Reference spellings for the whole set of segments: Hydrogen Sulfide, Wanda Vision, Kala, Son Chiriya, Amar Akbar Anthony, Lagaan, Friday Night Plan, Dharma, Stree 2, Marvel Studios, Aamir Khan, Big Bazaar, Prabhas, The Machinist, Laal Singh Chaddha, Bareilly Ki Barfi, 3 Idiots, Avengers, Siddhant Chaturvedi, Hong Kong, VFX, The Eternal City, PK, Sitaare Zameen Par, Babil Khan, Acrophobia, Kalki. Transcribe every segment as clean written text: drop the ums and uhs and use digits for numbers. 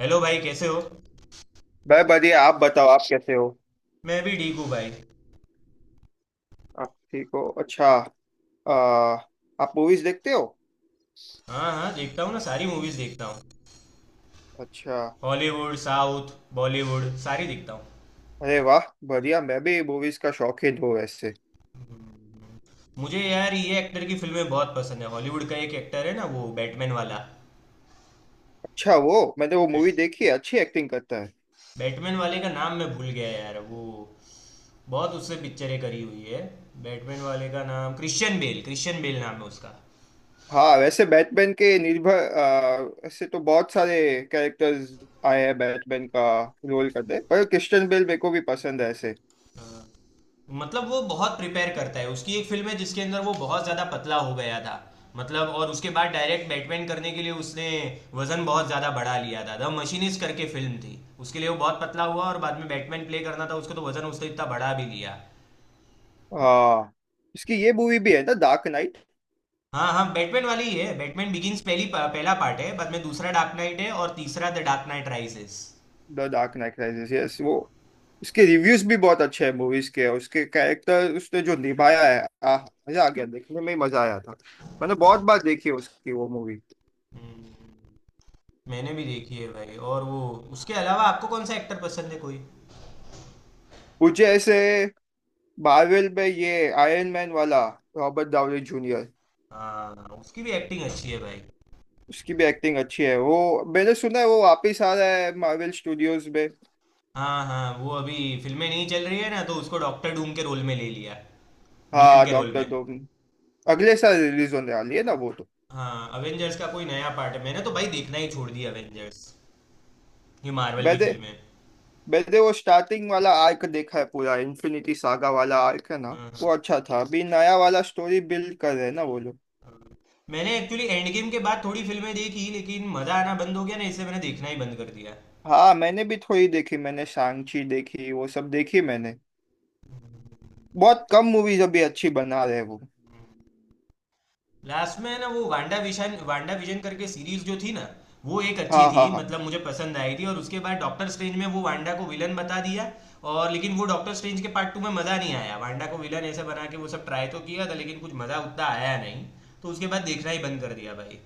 Hello भाई, कैसे हो? भाई बढ़िया। आप बताओ, आप कैसे हो। मैं भी ठीक हूँ भाई। आप ठीक हो, अच्छा। आ, आप मूवीज देखते हो। हाँ हाँ, देखता हूँ ना, सारी मूवीज़ देखता हूँ। अच्छा। हॉलीवुड, साउथ, बॉलीवुड सारी देखता हूँ। अरे वाह बढ़िया, मैं भी मूवीज का शौकीन हूँ वैसे। मुझे यार ये एक्टर की फिल्में बहुत पसंद है। हॉलीवुड का एक एक्टर है ना वो बैटमैन वाला। अच्छा, वो मैंने वो बैट, मूवी देखी है, अच्छी एक्टिंग करता है। बैटमैन वाले का नाम मैं भूल गया यार वो। बहुत उससे पिक्चरें करी हुई है। बैटमैन वाले का नाम क्रिश्चियन बेल, क्रिश्चियन बेल नाम है उसका। हाँ वैसे बैटमैन के निर्भर ऐसे तो बहुत सारे कैरेक्टर्स आए हैं बैटमैन का रोल करते, पर क्रिश्चियन बेल मेरे को भी पसंद है ऐसे। मतलब वो बहुत प्रिपेयर करता है, उसकी एक फिल्म है जिसके अंदर वो बहुत ज्यादा पतला हो गया था। मतलब, और उसके बाद डायरेक्ट बैटमैन करने के लिए उसने वजन बहुत ज्यादा बढ़ा लिया था। द मशीनिस्ट करके फिल्म थी, उसके लिए वो बहुत पतला हुआ और बाद में बैटमैन प्ले करना था उसको तो वजन उसने इतना बढ़ा भी लिया। हाँ इसकी ये मूवी भी है ना, डार्क नाइट। हाँ हाँ, बैटमैन वाली ही है। बैटमैन बिगिंस पहली पहला पार्ट है, बाद में दूसरा डार्क नाइट है और तीसरा the dark knight rises. The dark knight rises, yes वो। उसके रिव्यूज भी बहुत अच्छे हैं मूवीज के, और उसके कैरेक्टर उसने जो निभाया है। आह मजा आ गया, देखने में ही मजा आया था। मैंने बहुत बार देखी है उसकी वो मूवी। मैंने भी देखी है भाई। और वो, उसके अलावा आपको कौन सा एक्टर पसंद है कोई? मुझे ऐसे मार्वल में ये आयरन मैन वाला, रॉबर्ट डाउनी जूनियर। हाँ, उसकी भी एक्टिंग अच्छी है भाई। उसकी भी एक्टिंग अच्छी है, वो मैंने सुना है वो वापिस आ रहा है मार्वल स्टूडियोज में। हाँ हाँ, वो अभी फिल्में नहीं चल रही है ना तो उसको डॉक्टर डूम के रोल में ले लिया, विलन हाँ के रोल डॉक्टर में। डूम अगले साल रिलीज होने वाली है ना वो तो। हाँ, अवेंजर्स का कोई नया पार्ट है। मैंने तो भाई देखना ही छोड़ दिया अवेंजर्स, ये मार्वल की मैंने फिल्में। वैसे वो स्टार्टिंग वाला आर्क देखा है पूरा, इन्फिनिटी सागा वाला आर्क है ना। हाँ, वो हाँ। अच्छा था, अभी नया वाला स्टोरी बिल्ड कर रहे हैं ना वो लोग। मैंने एक्चुअली एंड गेम के बाद थोड़ी फिल्में देखी लेकिन मज़ा आना बंद हो गया ना, इससे मैंने देखना ही बंद कर दिया। हाँ, मैंने भी थोड़ी देखी, मैंने सांची देखी, वो सब देखी मैंने। बहुत कम मूवीज अभी अच्छी बना रहे हैं वो। लास्ट में ना वो वांडा विशन, वांडा विजन करके सीरीज जो थी ना, वो एक अच्छी हाँ थी, हाँ हाँ। मतलब मुझे पसंद आई थी। और उसके बाद डॉक्टर स्ट्रेंज में वो वांडा को विलन बता दिया। और लेकिन वो डॉक्टर स्ट्रेंज के पार्ट 2 में मज़ा नहीं आया, वांडा को विलन ऐसे बना के वो सब ट्राई तो किया था लेकिन कुछ मज़ा उतना आया नहीं। तो उसके बाद देखना ही बंद कर दिया भाई।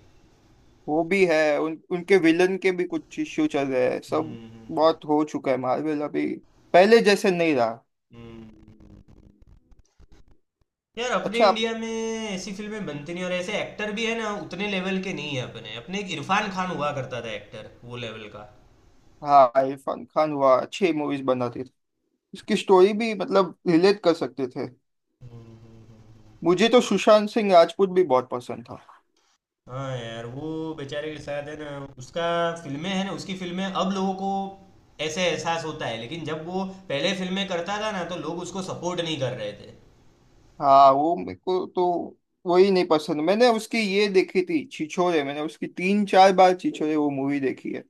वो भी है, उन उनके विलन के भी कुछ इश्यू चल रहे हैं सब। हम्म, बहुत हो चुका है मार्वल अभी, पहले जैसे नहीं रहा। हम्म। यार अपने अच्छा। इंडिया में ऐसी फिल्में बनती नहीं, और ऐसे एक्टर भी है ना उतने लेवल के नहीं है अपने। अपने एक इरफान खान हुआ करता था एक्टर, वो लेवल का। हाँ इरफान खान हुआ, अच्छी मूवीज बनाते थे। उसकी स्टोरी भी मतलब रिलेट कर सकते थे। हम्म, हम्म, हम्म। मुझे तो सुशांत सिंह राजपूत भी बहुत पसंद था। हाँ यार वो बेचारे के साथ है ना। उसका फिल्में है ना, उसकी फिल्में अब लोगों को ऐसे एहसास होता है लेकिन जब वो पहले फिल्में करता था ना तो लोग उसको सपोर्ट नहीं कर रहे थे। हाँ वो मेरे को तो वही नहीं पसंद, मैंने उसकी ये देखी थी छिछोरे, मैंने उसकी 3 4 बार छिछोरे वो मूवी देखी है।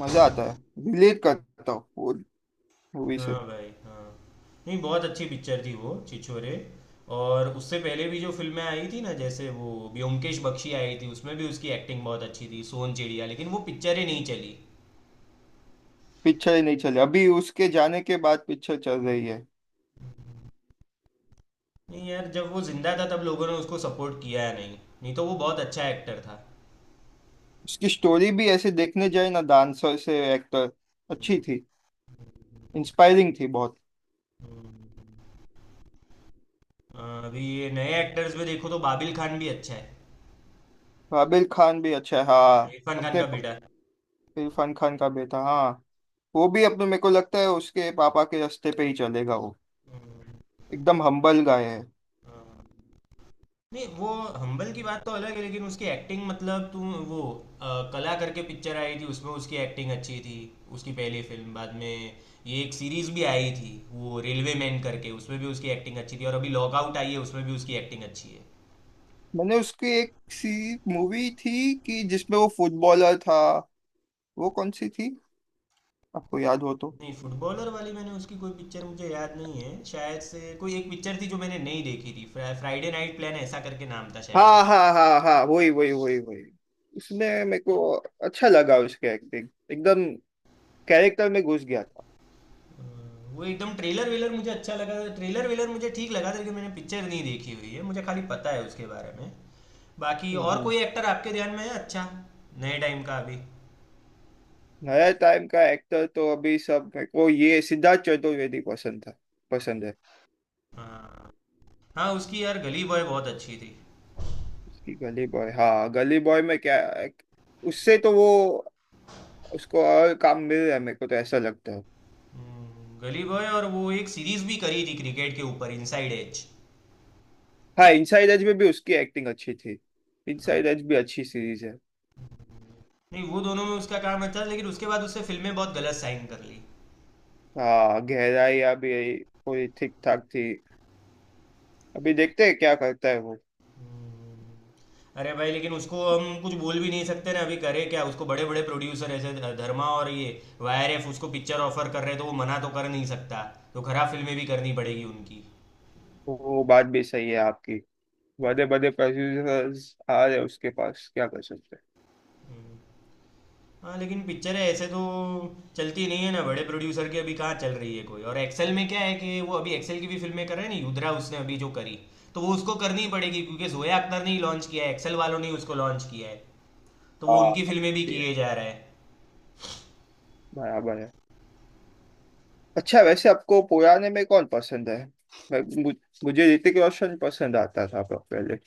मजा आता है, रिलेट करता हूँ वो मूवी से। हाँ भाई, हाँ। नहीं, बहुत अच्छी पिक्चर थी वो छिछोरे। और उससे पहले भी जो फिल्में आई थी ना, जैसे वो ब्योमकेश बख्शी आई थी उसमें भी उसकी एक्टिंग बहुत अच्छी थी, सोन चिड़िया। लेकिन वो पिक्चर ही नहीं चली। पिक्चर ही नहीं चली, अभी उसके जाने के बाद पिक्चर चल रही है। नहीं यार, जब वो जिंदा था तब लोगों ने उसको सपोर्ट किया नहीं। नहीं तो वो बहुत अच्छा एक्टर था। उसकी स्टोरी भी ऐसे देखने जाए ना, डांसर से एक्टर, अच्छी थी, इंस्पायरिंग थी बहुत। हम्म। अ, अभी ये नए एक्टर्स में देखो तो बाबिल खान भी अच्छा है। आबिर खान भी अच्छा है, हाँ इरफान खान अपने का बेटा। इरफान खान का बेटा हाँ। वो भी अपने मेरे को लगता है उसके पापा के रास्ते पे ही चलेगा वो, हम्म, एकदम हम्बल गाय है। हाँ। नहीं वो, हम्बल की बात तो अलग है लेकिन उसकी एक्टिंग, मतलब तुम वो कला करके पिक्चर आई थी उसमें उसकी एक्टिंग अच्छी थी। उसकी पहली फिल्म। बाद में ये एक सीरीज भी आई थी वो रेलवे मैन करके, उसमें भी उसकी एक्टिंग अच्छी थी। और अभी लॉकआउट आई है, उसमें भी उसकी एक्टिंग अच्छी है। मैंने उसकी एक सी मूवी थी कि जिसमें वो फुटबॉलर था, वो कौन सी थी आपको याद हो तो। नहीं, फुटबॉलर वाली मैंने उसकी कोई पिक्चर मुझे याद नहीं है। शायद से कोई एक पिक्चर थी जो मैंने नहीं देखी थी, फ्राइडे नाइट प्लान ऐसा करके नाम था शायद। हाँ हाँ हाँ हाँ, वही वही वही वही। उसमें मेरे को अच्छा लगा उसके एक्टिंग, एकदम कैरेक्टर में घुस गया था। वो एकदम ट्रेलर वेलर मुझे अच्छा लगा था, ट्रेलर वेलर मुझे ठीक लगा था लेकिन मैंने पिक्चर नहीं देखी हुई है, मुझे खाली पता है उसके बारे में। बाकी और हम्म। कोई एक्टर आपके ध्यान में है अच्छा, नए टाइम का अभी? नया टाइम का एक्टर तो अभी सब मेरे को ये सिद्धार्थ चतुर्वेदी पसंद था, पसंद है। हाँ हाँ, उसकी यार गली बॉय बहुत अच्छी थी। उसकी गली बॉय, हाँ गली बॉय में क्या, उससे तो वो उसको और काम मिल रहा है मेरे को तो ऐसा लगता है। गली बॉय और वो एक सीरीज भी करी थी क्रिकेट के ऊपर, इनसाइड एज। हाँ इनसाइड एज में भी उसकी एक्टिंग अच्छी थी, इनसाइड एज भी अच्छी सीरीज है। नहीं वो दोनों में उसका काम अच्छा था लेकिन उसके बाद उसने फिल्में बहुत गलत साइन कर ली। हाँ गहराइयाँ भी पूरी ठीक ठाक थी, अभी देखते हैं क्या करता है वो। हम्म। अरे भाई लेकिन उसको हम कुछ बोल भी नहीं सकते ना, अभी करे क्या, उसको बड़े बड़े प्रोड्यूसर ऐसे धर्मा और ये वाईआरएफ उसको पिक्चर ऑफर कर रहे हैं तो वो मना तो कर नहीं सकता। तो खराब फिल्में भी करनी पड़ेगी उनकी। वो बात भी सही है आपकी, बड़े बड़े प्रोड्यूसर्स आ रहे हैं उसके पास, क्या कर सकते हैं। हम्म। हाँ लेकिन पिक्चर है ऐसे तो चलती नहीं है ना, बड़े प्रोड्यूसर की अभी कहाँ चल रही है कोई? और एक्सेल में क्या है कि वो अभी एक्सेल की भी फिल्में कर रहे हैं ना, युद्रा उसने अभी जो करी। तो वो उसको करनी पड़ेगी क्योंकि जोया अख्तर ने ही लॉन्च किया है, एक्सेल वालों ने ही उसको लॉन्च किया है, तो वो हाँ उनकी फिल्में भी भी है, किए जा रहा है। बराबर है। अच्छा वैसे आपको पुराने में कौन पसंद है? मैं- मु- मुझे ऋतिक रोशन पसंद आता था पहले।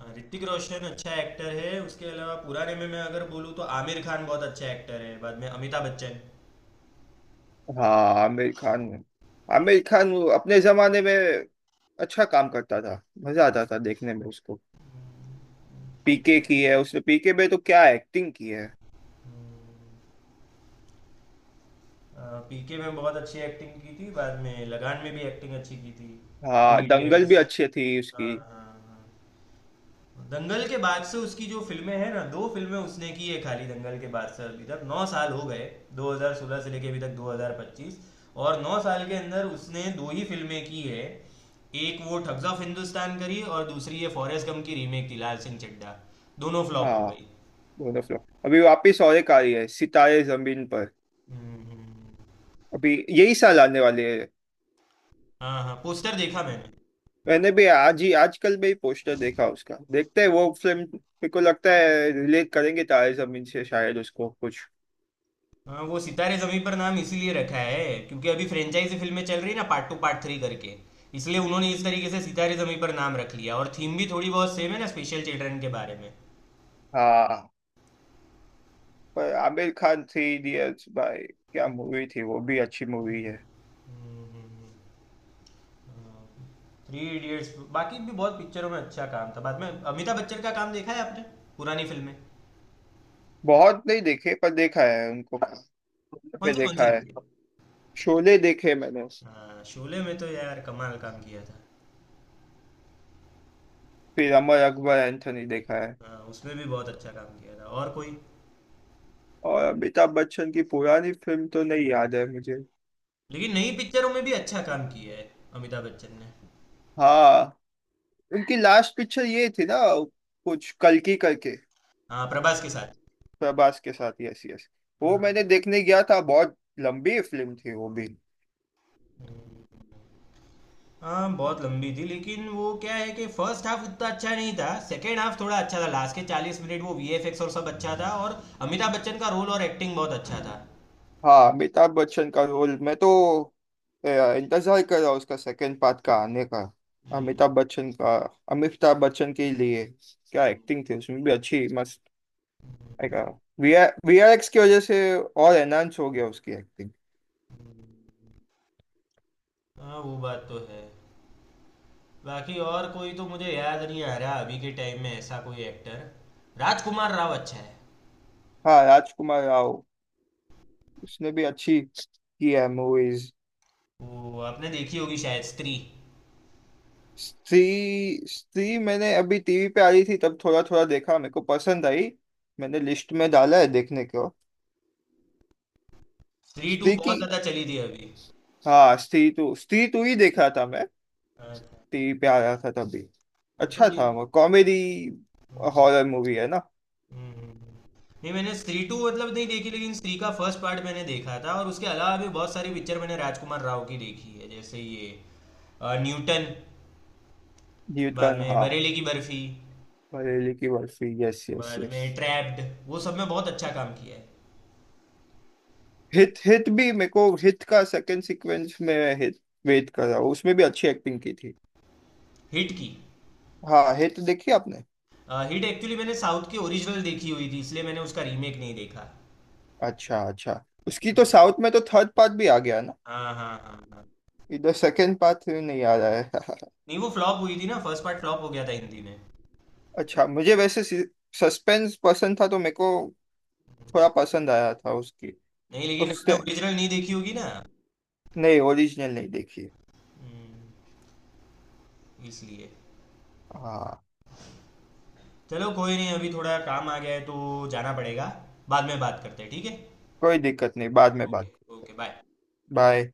हाँ, ऋतिक रोशन अच्छा एक्टर है। उसके अलावा पुराने में मैं अगर बोलूँ तो आमिर खान बहुत अच्छा एक्टर है, बाद में अमिताभ बच्चन। हाँ आमिर खान, आमिर खान वो अपने जमाने में अच्छा काम करता था, मजा आता था देखने में उसको। पीके की है उसने, पीके में तो क्या एक्टिंग की है। हम्म, पीके में बहुत अच्छी एक्टिंग की थी, बाद में लगान में भी एक्टिंग अच्छी की थी। हाँ थ्री दंगल भी इडियट्स। अच्छी थी हाँ उसकी। हाँ हाँ, दंगल के बाद से उसकी जो फिल्में हैं ना, दो फिल्में उसने की है खाली दंगल के बाद से अभी तक। 9 साल हो गए, 2016 से लेके अभी तक 2025, और 9 साल के अंदर उसने दो ही फिल्में की है। एक वो ठग्स ऑफ हिंदुस्तान करी और दूसरी ये फॉरेस्ट गम की रीमेक थी लाल सिंह चड्ढा। दोनों फ्लॉप हो हाँ गई। दोनों फिल्म, अभी वापिस और एक आ रही है सितारे जमीन पर, हम्म, हम्म, हम्म। अभी यही साल आने वाली है। हाँ हाँ, पोस्टर देखा मैंने। मैंने भी आज ही आजकल में ही पोस्टर देखा उसका, देखते हैं वो फिल्म, मेरे को लगता है रिलेट करेंगे तारे जमीन से शायद उसको कुछ। हाँ वो सितारे जमी पर नाम इसीलिए रखा है क्योंकि अभी फ्रेंचाइजी फिल्में चल रही है ना, पार्ट 2 पार्ट 3 करके, इसलिए उन्होंने इस तरीके से सितारे जमी पर नाम रख लिया। और थीम भी थोड़ी बहुत सेम है ना, स्पेशल चिल्ड्रन के बारे में। हाँ पर आमिर खान थ्री इडियट्स भाई, क्या मूवी थी, वो भी अच्छी मूवी है। थ्री इडियट्स, बाकी भी बहुत पिक्चरों में अच्छा काम था। बाद में अमिताभ बच्चन का काम देखा है आपने, पुरानी फिल्में? बहुत नहीं देखे पर देखा है उनको, पे कौन सी देखा है। देखी है? शोले देखे मैंने, हाँ, शोले में तो यार कमाल काम किया था। फिर अमर अकबर एंथोनी देखा है। हाँ, उसमें भी बहुत अच्छा काम किया था। और कोई, और अमिताभ बच्चन की पुरानी फिल्म तो नहीं याद है मुझे। लेकिन नई पिक्चरों में भी अच्छा काम किया है अमिताभ बच्चन ने। हाँ उनकी लास्ट पिक्चर ये थी ना, कुछ कल्कि करके। हाँ, प्रभास के साथ। प्रभास के साथ, यस यस। वो मैंने देखने गया था, बहुत लंबी फिल्म थी वो भी। हाँ बहुत लंबी थी लेकिन वो क्या है कि फर्स्ट हाफ उतना अच्छा नहीं था, सेकेंड हाफ थोड़ा अच्छा था, लास्ट के 40 मिनट वो वीएफएक्स और सब अच्छा था और अमिताभ बच्चन का रोल और एक्टिंग बहुत अच्छा था। हाँ अमिताभ बच्चन का रोल, मैं तो इंतजार कर रहा हूँ उसका सेकंड पार्ट का आने का। अमिताभ हम्म, बच्चन का, अमिताभ बच्चन के लिए क्या एक्टिंग थी उसमें, भी अच्छी मस्त। वीआरएक्स की वजह से और एनहांस हो गया उसकी एक्टिंग। हाँ वो बात तो है। बाकी और कोई तो मुझे याद नहीं आ रहा अभी के टाइम में, ऐसा कोई एक्टर। राजकुमार राव अच्छा है, हाँ राजकुमार राव, उसने भी अच्छी की है मूवीज। वो आपने देखी होगी शायद, स्त्री। स्त्री, स्त्री मैंने अभी टीवी पे आ रही थी तब थोड़ा थोड़ा देखा, मेरे को पसंद आई, मैंने लिस्ट में डाला है देखने को। स्त्री 2 स्त्री बहुत की, ज़्यादा चली थी अभी। हाँ स्त्री टू, स्त्री टू ही देख रहा था मैं, अच्छा। टीवी पे आ रहा था तभी, हाँ तो अच्छा था वो। कॉमेडी हम्म, हॉरर मूवी है ना। हम्म, नहीं मैंने स्त्री 2 मतलब नहीं देखी लेकिन स्त्री का फर्स्ट पार्ट मैंने देखा था। और उसके अलावा भी बहुत सारी पिक्चर मैंने राजकुमार राव की देखी है जैसे ये न्यूटन, बाद न्यूटन में हाँ। बरेली की बर्फी, बरेली की बर्फी, यस यस बाद यस। में ट्रैप्ड, वो सब में बहुत अच्छा काम किया है। हित, हित भी मेरे को, हित का सेकंड सीक्वेंस में हित वेट कर रहा हूँ, उसमें भी अच्छी एक्टिंग की थी। हिट की हाँ हित देखी आपने? हिट एक्चुअली मैंने साउथ की ओरिजिनल देखी हुई थी इसलिए मैंने उसका रीमेक नहीं देखा। अच्छा अच्छा। उसकी तो हम्म, साउथ में तो थर्ड पार्ट भी आ गया ना, हाँ हाँ हाँ हाँ। इधर सेकंड पार्ट नहीं आ रहा है। नहीं वो फ्लॉप हुई थी ना, फर्स्ट पार्ट फ्लॉप हो गया था हिंदी में। अच्छा मुझे वैसे सस्पेंस पसंद था तो मेरे को थोड़ा पसंद आया था उसकी। नहीं लेकिन और आपने उसने, ओरिजिनल नहीं देखी होगी ना। नहीं ओरिजिनल नहीं देखी। हम्म, इसलिए। हाँ, चलो कोई नहीं, अभी थोड़ा काम आ गया है तो जाना पड़ेगा, बाद में बात करते हैं, ठीक है? कोई दिक्कत नहीं, बाद में ओके। बात। Okay, bye. बाय।